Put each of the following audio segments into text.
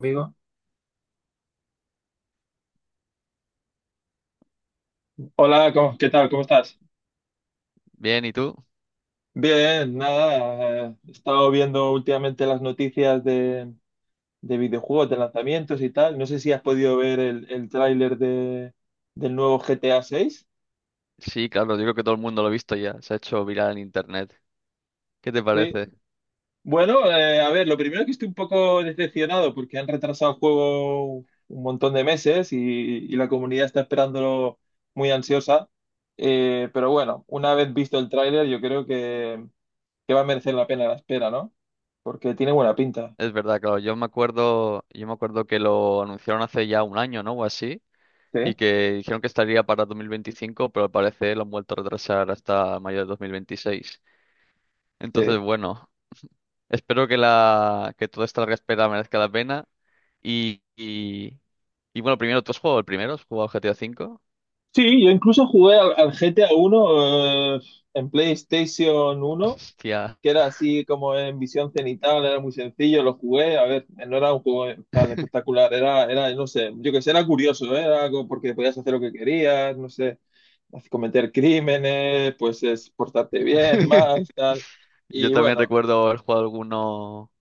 Amigo. Hola, ¿qué tal? ¿Cómo estás? Bien, ¿y tú? Bien, nada, he estado viendo últimamente las noticias de videojuegos, de lanzamientos y tal. No sé si has podido ver el tráiler del nuevo GTA 6. Sí, claro, yo creo que todo el mundo lo ha visto ya, se ha hecho viral en internet. ¿Qué te Sí. parece? Bueno, a ver, lo primero que estoy un poco decepcionado porque han retrasado el juego un montón de meses y la comunidad está esperándolo muy ansiosa. Pero bueno, una vez visto el tráiler, que va a merecer la pena la espera, ¿no? Porque tiene buena pinta. Es verdad, claro, yo me acuerdo que lo anunciaron hace ya un año, ¿no? O así, Sí, y que dijeron que estaría para 2025, pero al parecer lo han vuelto a retrasar hasta mayo de 2026. sí. Entonces, bueno, espero que toda esta larga espera merezca la pena. Y, y, y bueno, primero, ¿tú has jugado el primero? ¿Has jugado GTA 5? Sí, yo incluso jugué al GTA uno, en PlayStation uno, Hostia. que era así como en visión cenital, era muy sencillo, lo jugué, a ver, no era un juego tan espectacular, no sé, yo que sé, era curioso, ¿eh? Era algo porque podías hacer lo que querías, no sé, cometer crímenes, pues es portarte bien, mal, tal, Yo y también bueno, recuerdo haber jugado alguno,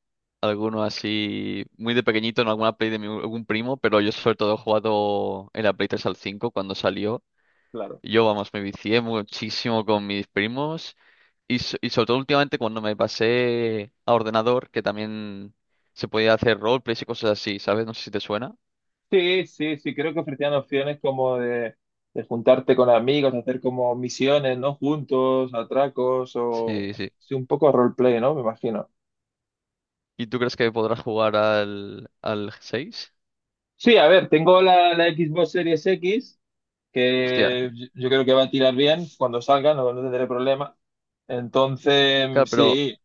alguno así, muy de pequeñito en alguna algún primo, pero yo sobre todo he jugado en la Play 3 al 5 cuando salió. claro. Yo, vamos, me vicié muchísimo con mis primos y, y sobre todo últimamente cuando me pasé a ordenador, que también se podía hacer roleplays y cosas así, ¿sabes? No sé si te suena. Sí, sí, sí, creo que ofrecían opciones de juntarte con amigos, hacer como misiones, ¿no? Juntos, atracos o Sí, sí. sí, un poco roleplay, ¿no? Me imagino. ¿Y tú crees que podrás jugar al 6? Sí, a ver, tengo la Xbox Series X, Hostia, que yo creo que va a tirar bien cuando salga, no, no tendré problema. Entonces, claro, pero sí,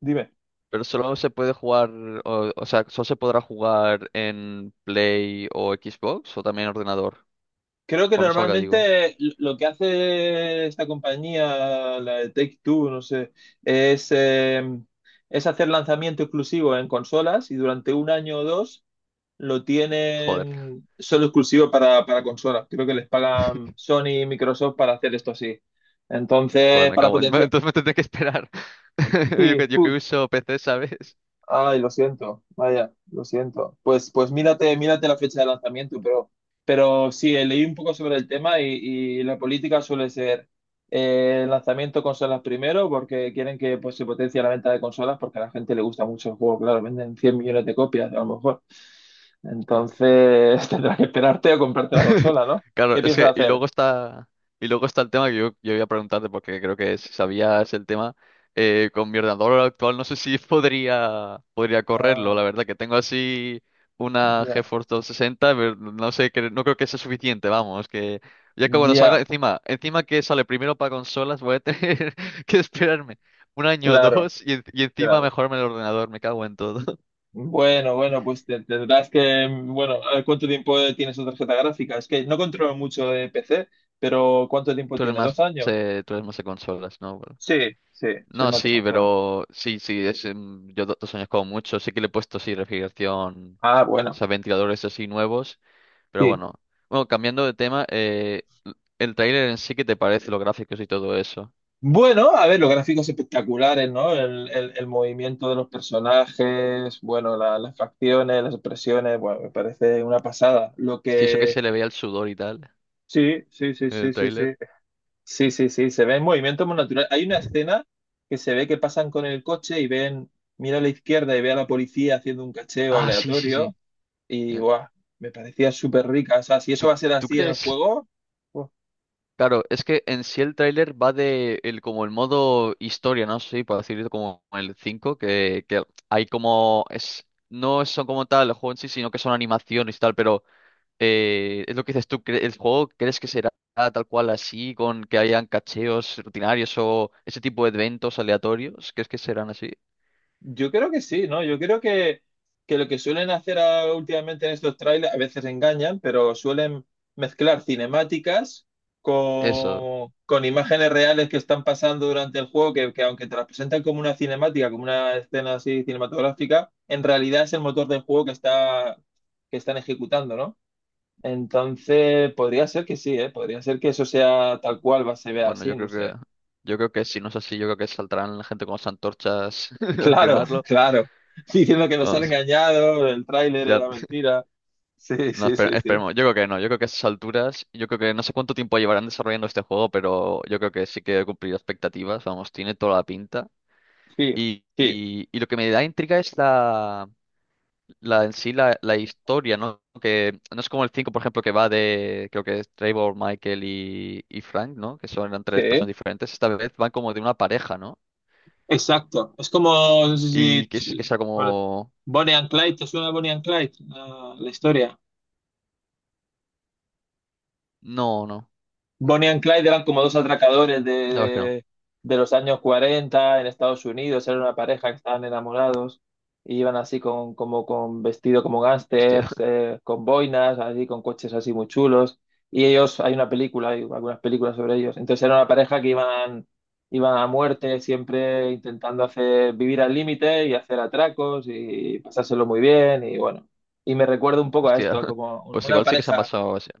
dime. Pero solo se puede jugar, o sea, solo se podrá jugar en Play o Xbox o también en ordenador. Creo que Cuando salga, digo. normalmente lo que hace esta compañía, la de Take-Two, no sé, es, eh, es hacer lanzamiento exclusivo en consolas y durante un año o dos lo Joder, tienen solo exclusivo para consolas. Creo que les pagan Sony y Microsoft para hacer esto así. joder, Entonces, me para cago en... potenciar... Entonces me tendré que esperar. Yo Sí, que, yo que tú, uso PC, ¿sabes? ay, lo siento, vaya, lo siento. Pues, mírate la fecha de lanzamiento, pero sí, leí un poco sobre el tema y la política suele ser, el lanzamiento de consolas primero, porque quieren que, pues, se potencie la venta de consolas, porque a la gente le gusta mucho el juego, claro, venden 100 millones de copias a lo mejor. Ya. Entonces tendrás que esperarte a comprarte la consola, ¿no? Claro, ¿Qué es piensas que, y hacer? luego está, y luego está el tema que yo voy a preguntarte, porque creo que si sabías el tema, con mi ordenador actual no sé si podría correrlo, Ah, la verdad que tengo así una ya, GeForce 260, pero no sé, que, no creo que sea suficiente, vamos, que ya que cuando ya, salga, encima, encima que sale primero para consolas, voy a tener que esperarme un año o claro, dos y, y encima claro. mejorarme el ordenador, me cago en todo. Bueno, pues tendrás que, bueno, a ver, ¿cuánto tiempo tiene su tarjeta gráfica? Es que no controlo mucho de PC, pero ¿cuánto tiempo Tú eres tiene? ¿Dos más, años? eh, tú eres más de consolas, ¿no? Bueno. Sí, sí, soy No, más de sí, consola. pero sí, sí, yo 2 años como mucho. Sí que le he puesto, sí, refrigeración, Ah, o bueno, sea, ventiladores así nuevos, pero sí. bueno. Bueno, cambiando de tema, el tráiler en sí, ¿qué te parece? Los gráficos y todo eso. Bueno, a ver, los gráficos espectaculares, ¿no? El movimiento de los personajes, bueno, las facciones, las expresiones, bueno, me parece una pasada. Lo Sí, eso que que... se le veía el sudor y tal Sí, sí, sí, en sí, el sí, sí. tráiler. Sí, sí, sí, se ve en movimiento muy natural. Hay una escena que se ve que pasan con el coche y ven, mira a la izquierda y ve a la policía haciendo un cacheo Ah, sí, sí, sí. aleatorio y Eh, guau, me parecía súper rica. O sea, si eso ¿Tú, va a ser tú así en el crees? juego, Claro, es que en sí el tráiler va de el, como el modo historia, ¿no? Sí, para decirlo como el cinco, que hay como... es No son como tal el juego en sí, sino que son animaciones y tal, pero... es lo que dices tú. ¿El juego crees que será tal cual así, con que hayan cacheos rutinarios o ese tipo de eventos aleatorios? ¿Crees que serán así? yo creo que sí, ¿no? Que lo que suelen hacer, últimamente en estos trailers, a veces engañan, pero suelen mezclar cinemáticas Eso. Con imágenes reales que están pasando durante el juego, que aunque te las presentan como una cinemática, como una escena así cinematográfica, en realidad es el motor del juego que está, que están ejecutando, ¿no? Entonces, podría ser que sí, ¿eh? Podría ser que eso sea tal cual, va, se vea Bueno, así, yo no creo que sé. yo creo que si no es así, yo creo que saltarán la gente con las antorchas a Claro, quemarlo. claro. Diciendo que nos han Vamos, engañado, el tráiler ya era mentira. Sí, no, sí, sí, sí. esperemos. Yo creo que no, yo creo que a esas alturas, yo creo que no sé cuánto tiempo llevarán desarrollando este juego, pero yo creo que sí que he cumplido expectativas, vamos, tiene toda la pinta. Sí, Y, sí, y, y lo que me da intriga es la en sí la historia, ¿no? Que no es como el 5 por ejemplo, que va de, creo que es Trevor, Michael y Frank, ¿no? Que son eran tres personas sí. diferentes. Esta vez van como de una pareja, ¿no? Exacto. Es como, no sé Y que si, sea bueno, como... Bonnie and Clyde, ¿te suena Bonnie and Clyde? La historia. No, no. Bonnie and Clyde eran como dos atracadores La verdad es que no. De los años 40 en Estados Unidos, era una pareja que estaban enamorados y iban así con, como, con vestido como Hostia, gángsters, con boinas, así con coches así muy chulos. Y ellos, hay una película, hay algunas películas sobre ellos. Entonces era una pareja que iban, iban a muerte, siempre intentando hacer, vivir al límite y hacer atracos y pasárselo muy bien. Y bueno, y me recuerda un poco a hostia. esto, como Pues una igual sí que se han pareja, pasado... o sea.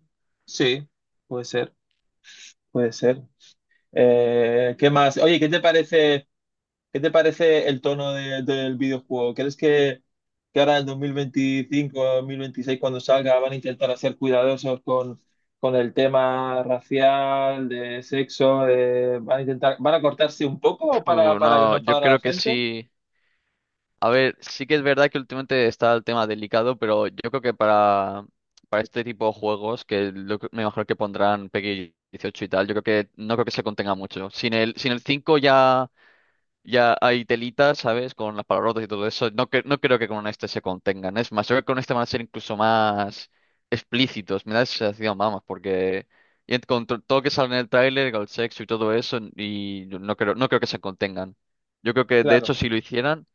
sí, puede ser. Puede ser. ¿Qué más? Oye, ¿qué te parece el tono del videojuego? ¿Que ahora en 2025, 2026, cuando salga, van a intentar ser cuidadosos con el tema racial, de sexo? ¿Van a intentar, van a cortarse un Uf, poco para que no no, yo enfadara a la creo que gente? sí. A ver, sí que es verdad que últimamente está el tema delicado, pero yo creo que para este tipo de juegos, que me imagino que pondrán PEGI 18 y tal, yo creo que no creo que se contenga mucho. Sin el 5 ya, ya hay telitas, ¿sabes? Con las palabrotas y todo eso. No, no creo que con este se contengan. Es más, yo creo que con este van a ser incluso más explícitos. Me da esa sensación, vamos, porque y con todo lo que sale en el tráiler, con el sexo y todo eso, y no creo que se contengan. Yo creo que, de Claro, hecho, si lo hicieran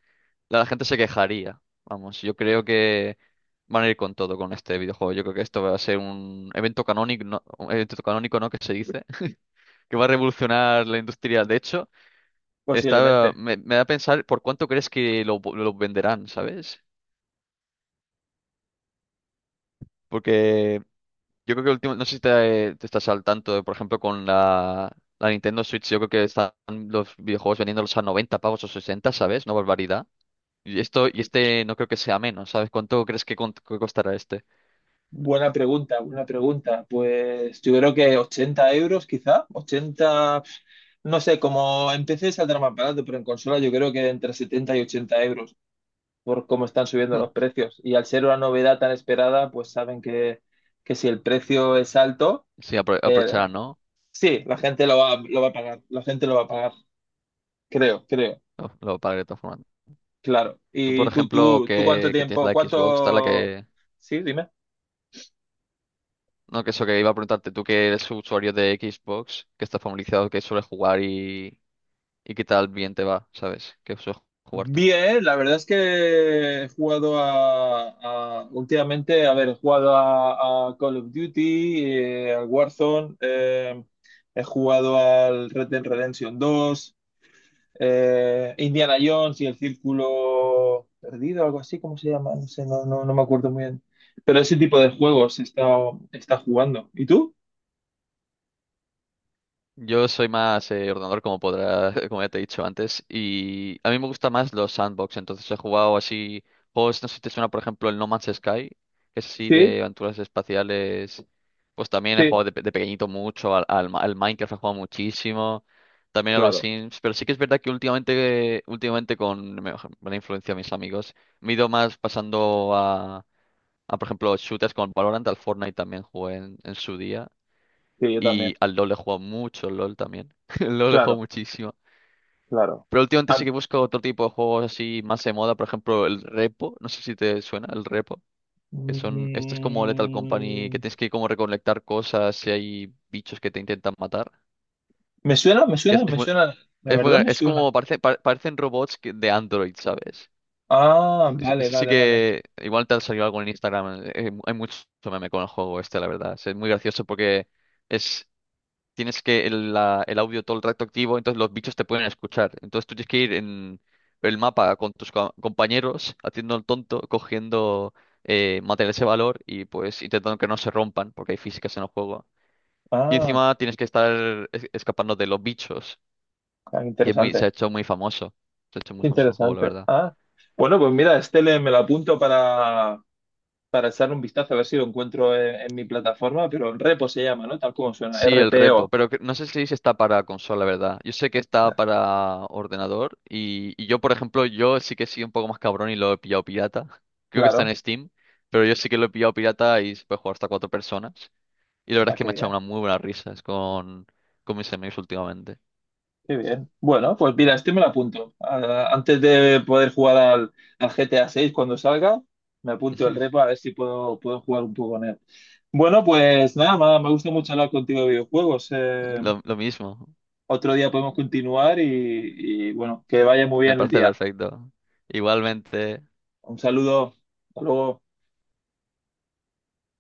la gente se quejaría. Vamos, yo creo que van a ir con todo con este videojuego. Yo creo que esto va a ser un evento canónico, no, un evento canónico, ¿no? Que se dice, que va a revolucionar la industria. De hecho, está, posiblemente. me, me da a pensar por cuánto crees que lo venderán, ¿sabes? Porque yo creo que el último, no sé si te estás al tanto, por ejemplo, con la Nintendo Switch, yo creo que están los videojuegos vendiéndolos a 90 pavos o 60, ¿sabes? No barbaridad. Y este no creo que sea menos, ¿sabes? ¿Cuánto crees que costará este? Buena pregunta, buena pregunta. Pues yo creo que 80 euros quizá, 80 pf, no sé, como empecé saldrá más barato, pero en consola yo creo que entre 70 y 80 euros por cómo están subiendo los precios. Y al ser una novedad tan esperada, pues saben que si el precio es alto, Sí, eh, aprovechar, ¿no? sí, la gente lo va a pagar, la gente lo va a pagar, creo, creo, Lo pagaré de todas formas. claro. Tú, por ¿Y ejemplo, tú cuánto que tienes tiempo, la Xbox, tal, la cuánto... que... Sí, No, que eso que iba a preguntarte, tú que eres usuario de Xbox, que estás familiarizado, que suele jugar y qué tal bien te va, ¿sabes? ¿Qué sueles jugar tú? bien, la verdad es que he jugado a, últimamente, a ver, he jugado a Call of Duty, al Warzone, he jugado al Red Dead Redemption dos, Indiana Jones y el Círculo Perdido, algo así, ¿cómo se llama? No sé, no me acuerdo muy bien. Pero ese tipo de juegos está jugando. ¿Y tú? Yo soy más ordenador, como podrá, como ya te he dicho antes, y a mí me gustan más los sandbox, entonces he jugado así juegos, no sé si te suena, por ejemplo, el No Man's Sky, que es así Sí, de aventuras espaciales, pues también he sí, jugado de pequeñito mucho, al Minecraft he jugado muchísimo, también a los claro, Sims, pero sí que es verdad que últimamente con la influencia de mis amigos, me he ido más pasando a, por ejemplo, shooters con Valorant, al Fortnite también jugué en su día. sí, yo Y también, al LoL he jugado mucho, al LoL también. El LoL he jugado claro, muchísimo. claro. Pero últimamente sí Ah, que busco otro tipo de juegos así más de moda. Por ejemplo, el Repo. No sé si te suena el Repo. Este es como Lethal Company, que mm, tienes que como recolectar cosas si hay bichos que te intentan matar. me suena, me Que es, suena, es me muy, suena, de es verdad muy- me es suena. como, parecen robots de Android, ¿sabes? Ah, Ese vale, ese sí vale, vale. que igual te ha salido algo en Instagram. Hay mucho meme con el juego este, la verdad. Es muy gracioso porque... Es, tienes que el audio todo el rato activo, entonces los bichos te pueden escuchar. Entonces tú tienes que ir en el mapa con tus compañeros, haciendo el tonto, cogiendo materiales de valor y pues intentando que no se rompan, porque hay físicas en el juego. Y Ah, encima tienes que estar escapando de los bichos, ah, y se ha interesante, hecho muy famoso. Se ha hecho muy qué famoso el juego, la interesante. verdad. Ah, bueno, pues mira, me lo apunto para echar un vistazo, a ver si lo encuentro en mi plataforma, pero Repo se llama, ¿no? Tal como suena, Sí, R el P repo, O. pero no sé si está para consola, ¿verdad? Yo sé que está para ordenador y yo, por ejemplo, yo sí que soy un poco más cabrón y lo he pillado pirata. Creo que está Claro, en Steam, pero yo sí que lo he pillado pirata y se puede jugar hasta cuatro personas. Y la verdad es ah, que qué me ha echado bien. una muy buena risa con mis amigos últimamente. Qué bien. Bueno, pues mira, este me lo apunto. Ah, antes de poder jugar al GTA 6 cuando salga, me apunto el repo a ver si puedo, puedo jugar un poco con él. Bueno, pues nada, me gusta mucho hablar contigo de videojuegos. Lo mismo, Otro día podemos continuar y bueno, que vaya muy me bien el parece día. perfecto. Igualmente. Un saludo. Hasta luego.